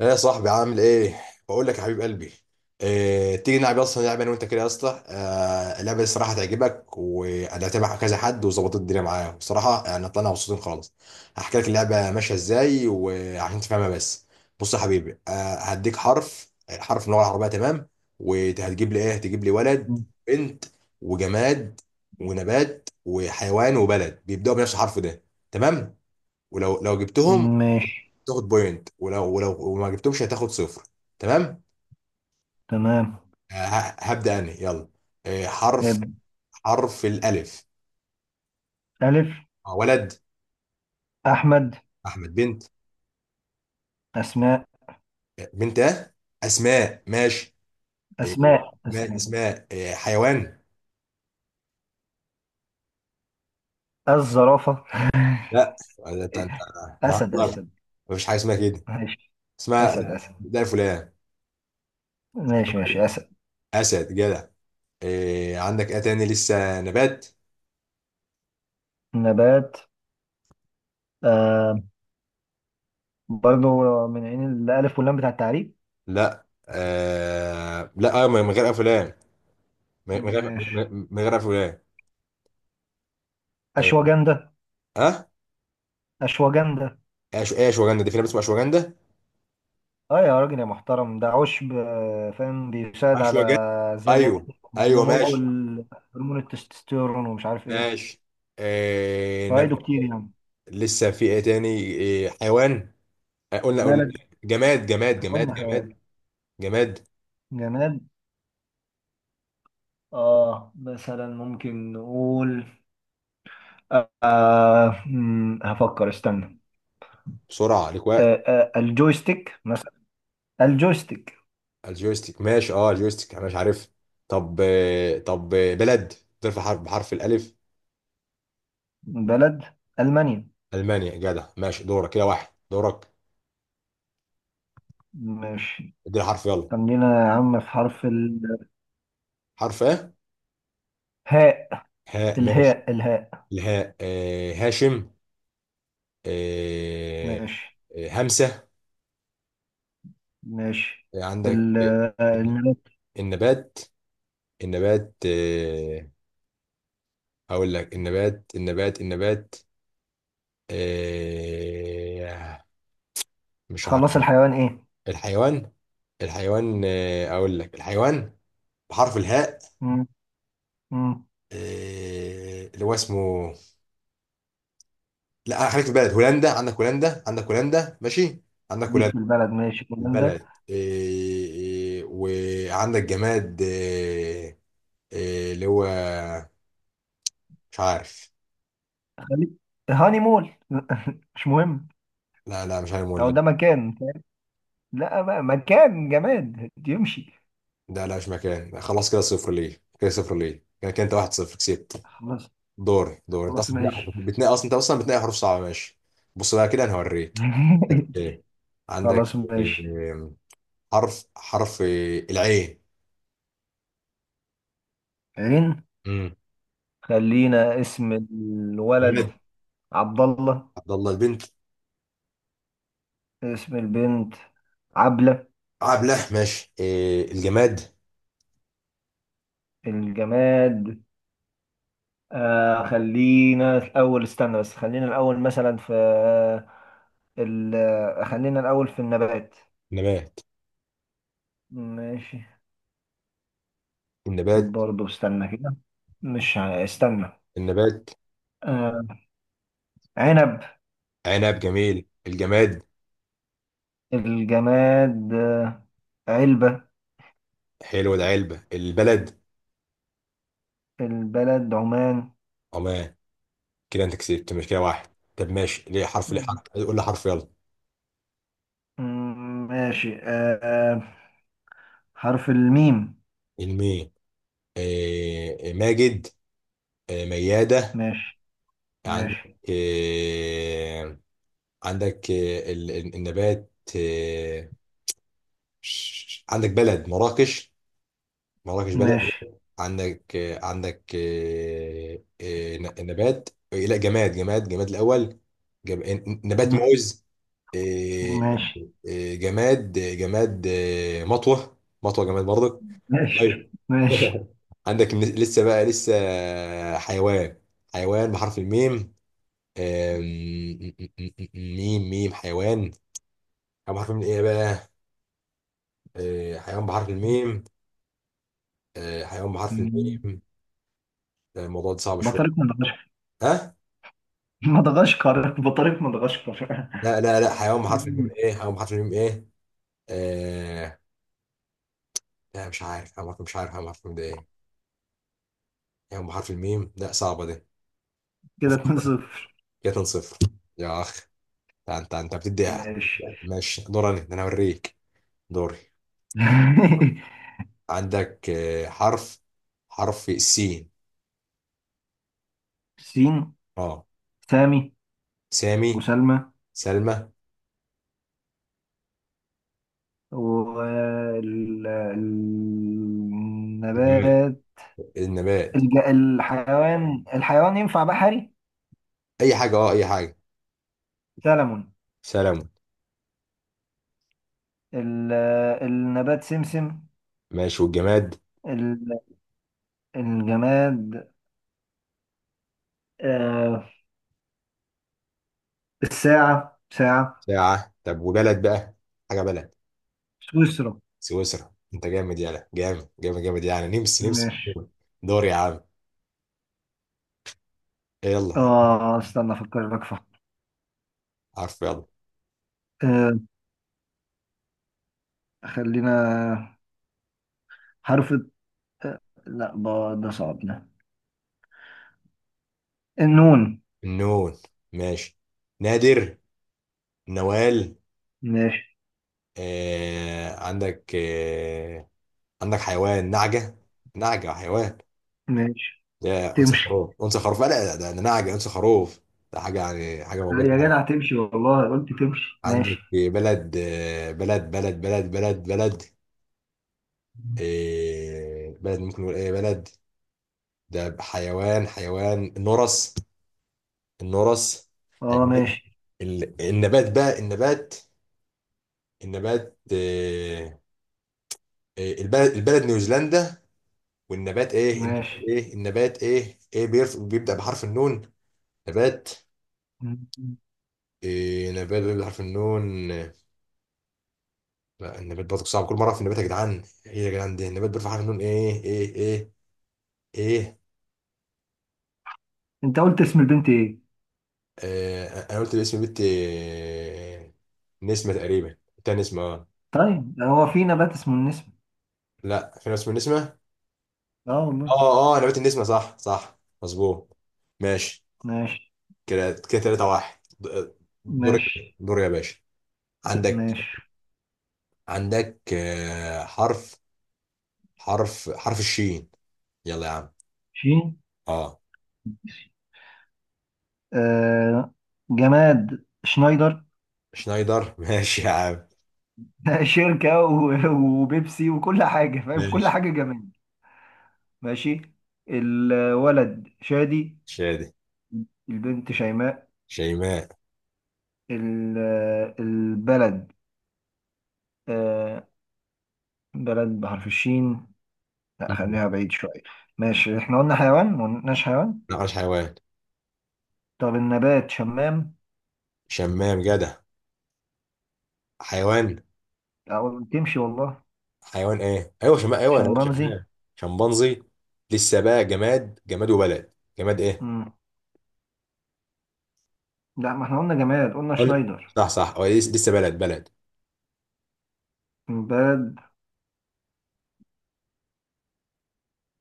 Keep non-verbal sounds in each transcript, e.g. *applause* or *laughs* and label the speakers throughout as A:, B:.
A: ايه يا صاحبي عامل ايه؟ بقول لك يا حبيب قلبي، إيه؟ تيجي نلعب اصلا لعبه انا وانت كده يا اسطى. اللعبه دي الصراحه تعجبك وانا هتابع كذا حد وظبطت الدنيا معايا بصراحه يعني طلعنا مبسوطين خالص. هحكي لك اللعبه ماشيه ازاي وعشان تفهمها بس. بص يا حبيبي، هديك حرف حرف من اللغه العربيه، تمام؟ وهتجيب لي ايه؟ هتجيب لي ولد، بنت، وجماد، ونبات، وحيوان، وبلد بيبداوا بنفس الحرف ده، تمام؟ ولو جبتهم
B: ماشي.
A: تاخد بوينت، ولو وما جبتهمش هتاخد صفر، تمام.
B: تمام،
A: هبدأ انا، يلا. حرف،
B: ابدأ.
A: حرف الالف.
B: ألف.
A: ولد
B: أحمد.
A: احمد. بنت،
B: أسماء.
A: آه، بنت اه اسماء، ماشي. آه،
B: أسماء
A: ما
B: أسماء
A: اسماء. حيوان،
B: الزرافة.
A: لا، ده انت
B: *laughs* أسد
A: نهار،
B: أسد
A: مفيش حاجه اسمها كده،
B: ماشي. أسد
A: اسمها
B: أسد
A: ده فلان.
B: ماشي ماشي أسد.
A: اسد، جدع. عندك ايه تاني؟ لسه نبات.
B: نبات، آه برضو من عين الألف واللام بتاع التعريب.
A: لا آه لا آه، من غير افلام، من غير،
B: ماشي.
A: من غير افلام.
B: أشواجندة
A: اه،
B: أشواجندة.
A: ايه اشواجندا دي؟ في نبات اسمه اشواجندا؟
B: اه يا راجل يا محترم، ده عشب، فاهم، بيساعد على
A: اشواجندا،
B: زيادة
A: ايوه. ايوه،
B: نمو
A: ماشي
B: هرمون التستوستيرون ومش عارف ايه،
A: ماشي. آه نب...
B: فوائده كتير يعني.
A: لسه في ايه تاني؟ إيه؟ حيوان، قلنا.
B: بلد؟
A: جماد جماد جماد
B: قلنا حيوان.
A: جماد جماد،
B: جماد، اه مثلا ممكن نقول هفكر، استنى.
A: بسرعه، ليك وقت.
B: آه، الجويستيك مثلا، الجويستيك.
A: الجويستيك، ماشي. اه، الجويستيك انا مش عارف. طب طب بلد، بترفع حرف، بحرف الالف.
B: بلد ألمانيا.
A: المانيا، جدع، ماشي. دورك كده، واحد، دورك.
B: ماشي.
A: اديني حرف، يلا.
B: خلينا يا عم في حرف
A: حرف ايه؟
B: الهاء.
A: هاء، ماشي.
B: الهاء.
A: الهاء، هاشم. آه،
B: ماشي
A: همسه.
B: ماشي.
A: عندك؟
B: ال- النبات.
A: النبات، النبات آه، هقول لك النبات. النبات، آه، مش عارف.
B: خلص، الحيوان ايه؟
A: الحيوان الحيوان، اقول لك الحيوان بحرف الهاء.
B: مم، مم.
A: اللي هو اسمه، لا، خليك في البلد، هولندا. عندك هولندا، عندك هولندا، ماشي. عندك
B: ليك في
A: هولندا،
B: البلد، ماشي كمان ده.
A: البلد. وعندك جماد، اللي هو، مش عارف.
B: خليك. هاني مول *laughs* مش مهم.
A: لا لا، مش عارف،
B: هو ده مكان؟ لا بقى، مكان جماد يمشي؟
A: ده لا، مش مكان. خلاص كده، صفر ليه كده؟ صفر ليه كده كده؟ انت واحد صفر كسبت.
B: خلاص.
A: دور، انت
B: خلاص
A: اصلا
B: ماشي.
A: بتنقي اصلا، انت اصلا بتنقي حروف صعبه، ماشي. بص بقى كده، انا هوريك. عندك
B: *laughs*
A: ايه؟ عندك
B: خلاص ماشي.
A: إيه؟ حرف، حرف إيه؟ العين.
B: عين.
A: امم
B: خلينا اسم الولد
A: الولد
B: عبد الله.
A: عبد الله، البنت
B: اسم البنت عبلة.
A: عبله، ماشي. إيه؟ الجماد،
B: الجماد؟ آه خلينا الأول، استنى بس، خلينا الأول مثلا في ال خلينا الأول في النبات.
A: نبات،
B: ماشي.
A: النبات
B: برضه استنى كده، مش ع- استنى.
A: النبات
B: آه، عنب.
A: عنب، جميل. الجماد،
B: الجماد، علبة.
A: حلو ده، علبه. البلد،
B: البلد عمان.
A: عمان. كده انت كسبت، مش كده، واحد. طب ماشي، ليه حرف؟ ليه
B: مم.
A: حرف؟ قول لي حرف، يلا.
B: ماشي. حرف الميم.
A: الميم، ماجد، ميادة.
B: ماشي.
A: عندك
B: ماشي.
A: آه، عندك النبات، عندك بلد مراكش، مراكش بلد.
B: ماشي.
A: عندك نبات، لا، جماد الأول. نبات
B: مم،
A: موز، آه،
B: ماشي.
A: جماد، مطوة. مطوة جماد برضك.
B: ماشي.
A: طيب.
B: ماشي.
A: *laughs* عندك لسه بقى لسه، حيوان، حيوان بحرف الميم. آم، م- م- م- م- ميم، ميم، حيوان، حيوان بحرف الميم ايه بقى؟ حيوان بحرف الميم، حيوان بحرف
B: مم.
A: الميم. لا، الموضوع ده صعب شويه.
B: بطريق مدغشقر.
A: ها؟
B: *laughs* مدغشقر، بطريق مدغشقر.
A: لا لا لا، حيوان بحرف الميم
B: مم.
A: ايه؟ حيوان بحرف الميم ايه؟ آه، لا، مش عارف حيوان بحرف، مش عارف حيوان بحرف الميم ده ايه. حيوان بحرف الميم، لا، صعبه ده.
B: كده
A: وفق،
B: 2 0.
A: كده 2 صفر، يا اخ. انت أنت بتدي،
B: ماشي.
A: ماشي. دوري أنا، ده انا هوريك. دوري.
B: *laughs*
A: عندك، حرف، حرف سين.
B: سين.
A: اه،
B: سامي
A: سامي،
B: وسلمى.
A: سلمى، الجماد،
B: والنبات؟
A: النبات،
B: الحيوان، الحيوان ينفع بحري؟
A: اي حاجه، اه، اي حاجه،
B: سلمون.
A: سلام،
B: ال- النبات سمسم.
A: ماشي والجماد،
B: ال- الجماد، آه الساعة، ساعة.
A: ساعه. طب وبلد بقى، حاجه بلد.
B: سويسرا.
A: سويسرا، انت جامد، يلا، جامد جامد جامد يعني، نمس نمس.
B: ماشي.
A: دور يا عم، يلا،
B: اه استنى افكر لك فقط.
A: حرف، يلا.
B: آه خلينا حرف آه لا ده صعب ده. النون.
A: النون، ماشي. نادر، نوال.
B: ماشي.
A: آه، عندك، آه، عندك حيوان نعجه، نعجه حيوان،
B: ماشي،
A: يا انثى
B: تمشي.
A: خروف، انثى خروف، لا لا، ده ده نعجه، انثى خروف، ده حاجه يعني، حاجه موجوده
B: يا
A: يعني.
B: جدع تمشي والله، قلت تمشي.
A: عندك
B: ماشي.
A: بلد، بلد بلد. إيه بلد؟ ممكن نقول ايه بلد؟ ده حيوان، النورس، النورس
B: اه
A: حيوان.
B: ماشي.
A: ال-، النبات بقى، النبات، النبات إيه؟ إيه، البلد، البلد نيوزيلندا. والنبات ايه؟ النبات
B: ماشي.
A: ايه؟ بيبدأ بحرف النون، نبات. إيه نبات بيبدأ بحرف النون؟ لا النبات برضه صعب كل مره. في النبات يا جدعان ايه يا جدعان؟ ده النبات بيرفع حرف النون ايه؟ ايه؟
B: انت قلت اسم البنت ايه؟
A: آه، انا قلت الاسم بنت، نسمه تقريبا، بتاع نسمه، اه.
B: طيب هو في نبات اسمه النسم؟
A: لا، في ناس اسمه نسمه،
B: اه والله.
A: اه، اه، نبات النسمه، صح، صح، مظبوط. ماشي.
B: ماشي.
A: كده 3 واحد، دور،
B: ماشي.
A: دور يا باشا. عندك،
B: ماشي.
A: عندك، آه، حرف، حرف الشين، يلا يا عم.
B: شين.
A: اه،
B: آه، جماد شنايدر.
A: شنايدر، *laughs* ماشي يا عم.
B: *laughs* شركة، وبيبسي وكل حاجة، فاهم كل
A: ماشي،
B: حاجة جماد. ماشي. الولد شادي.
A: شادي،
B: البنت شيماء.
A: شيماء،
B: ال- البلد، آه بلد بحرف الشين، لا خليها بعيد شوية. ماشي، احنا قلنا حيوان؟ ما قلناش حيوان.
A: نقش حيوان،
B: طب النبات شمام.
A: شمام جدع. حيوان،
B: أو تمشي والله.
A: حيوان ايه؟ ايوه شمام، ايوه، انا قلت
B: شمبانزي.
A: شمام. شمبانزي. لسه بقى جماد، جماد وبلد. جماد ايه؟
B: مم. لا ما احنا قلنا جماد، قلنا شنايدر.
A: صح، صح، هو لسه بلد، بلد
B: البلد،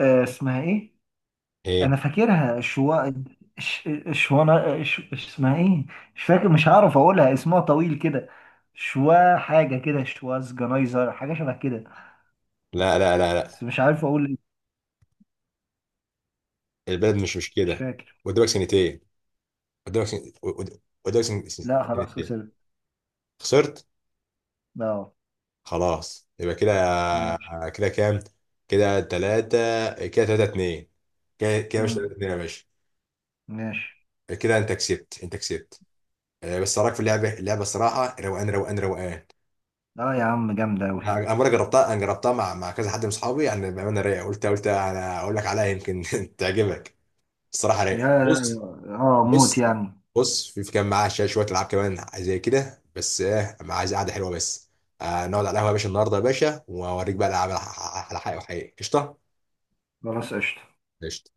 B: آه، اسمها ايه؟
A: ايه؟
B: انا فاكرها شوا، شوانا، اسمها ايه، مش فاكر، مش هعرف اقولها، اسمها طويل كده. شوا حاجه كده، شواز جنايزر، حاجه شبه كده،
A: لا لا لا لا،
B: بس مش عارف اقول إيه.
A: البلد مش
B: مش
A: كده،
B: فاكر.
A: قدامك سنتين. قدامك قدامك
B: لا خلاص
A: سنتين.
B: وصلت.
A: خسرت،
B: اه.
A: خلاص، يبقى كده،
B: ماشي.
A: كده كام؟ كده ثلاثة، كده ثلاثة اتنين. كده مش
B: امم،
A: ثلاثة اتنين يا باشا؟
B: ماشي.
A: كده انت كسبت، انت كسبت. بس إيه رايك في اللعبه؟ اللعبه الصراحه روقان، روقان روقان.
B: اه يا عم جامده اوي.
A: انا مره جربتها، انا جربتها مع، كذا حد من اصحابي يعني، بامانه رايقه، قلت انا اقول لك عليها يمكن *laughs* تعجبك. الصراحه
B: يا
A: رايقه، بص،
B: اه موت
A: بص،
B: يعني.
A: بص، في كان معاه شويه، شوية العاب كمان زي كده بس، ايه، أنا عايز قعده حلوه بس. آه، نقعد على القهوه يا باشا النهارده يا باشا، واوريك بقى الالعاب على، على حقيقه، وحقيقي قشطه.
B: خلاص قشطه.
A: قشطه.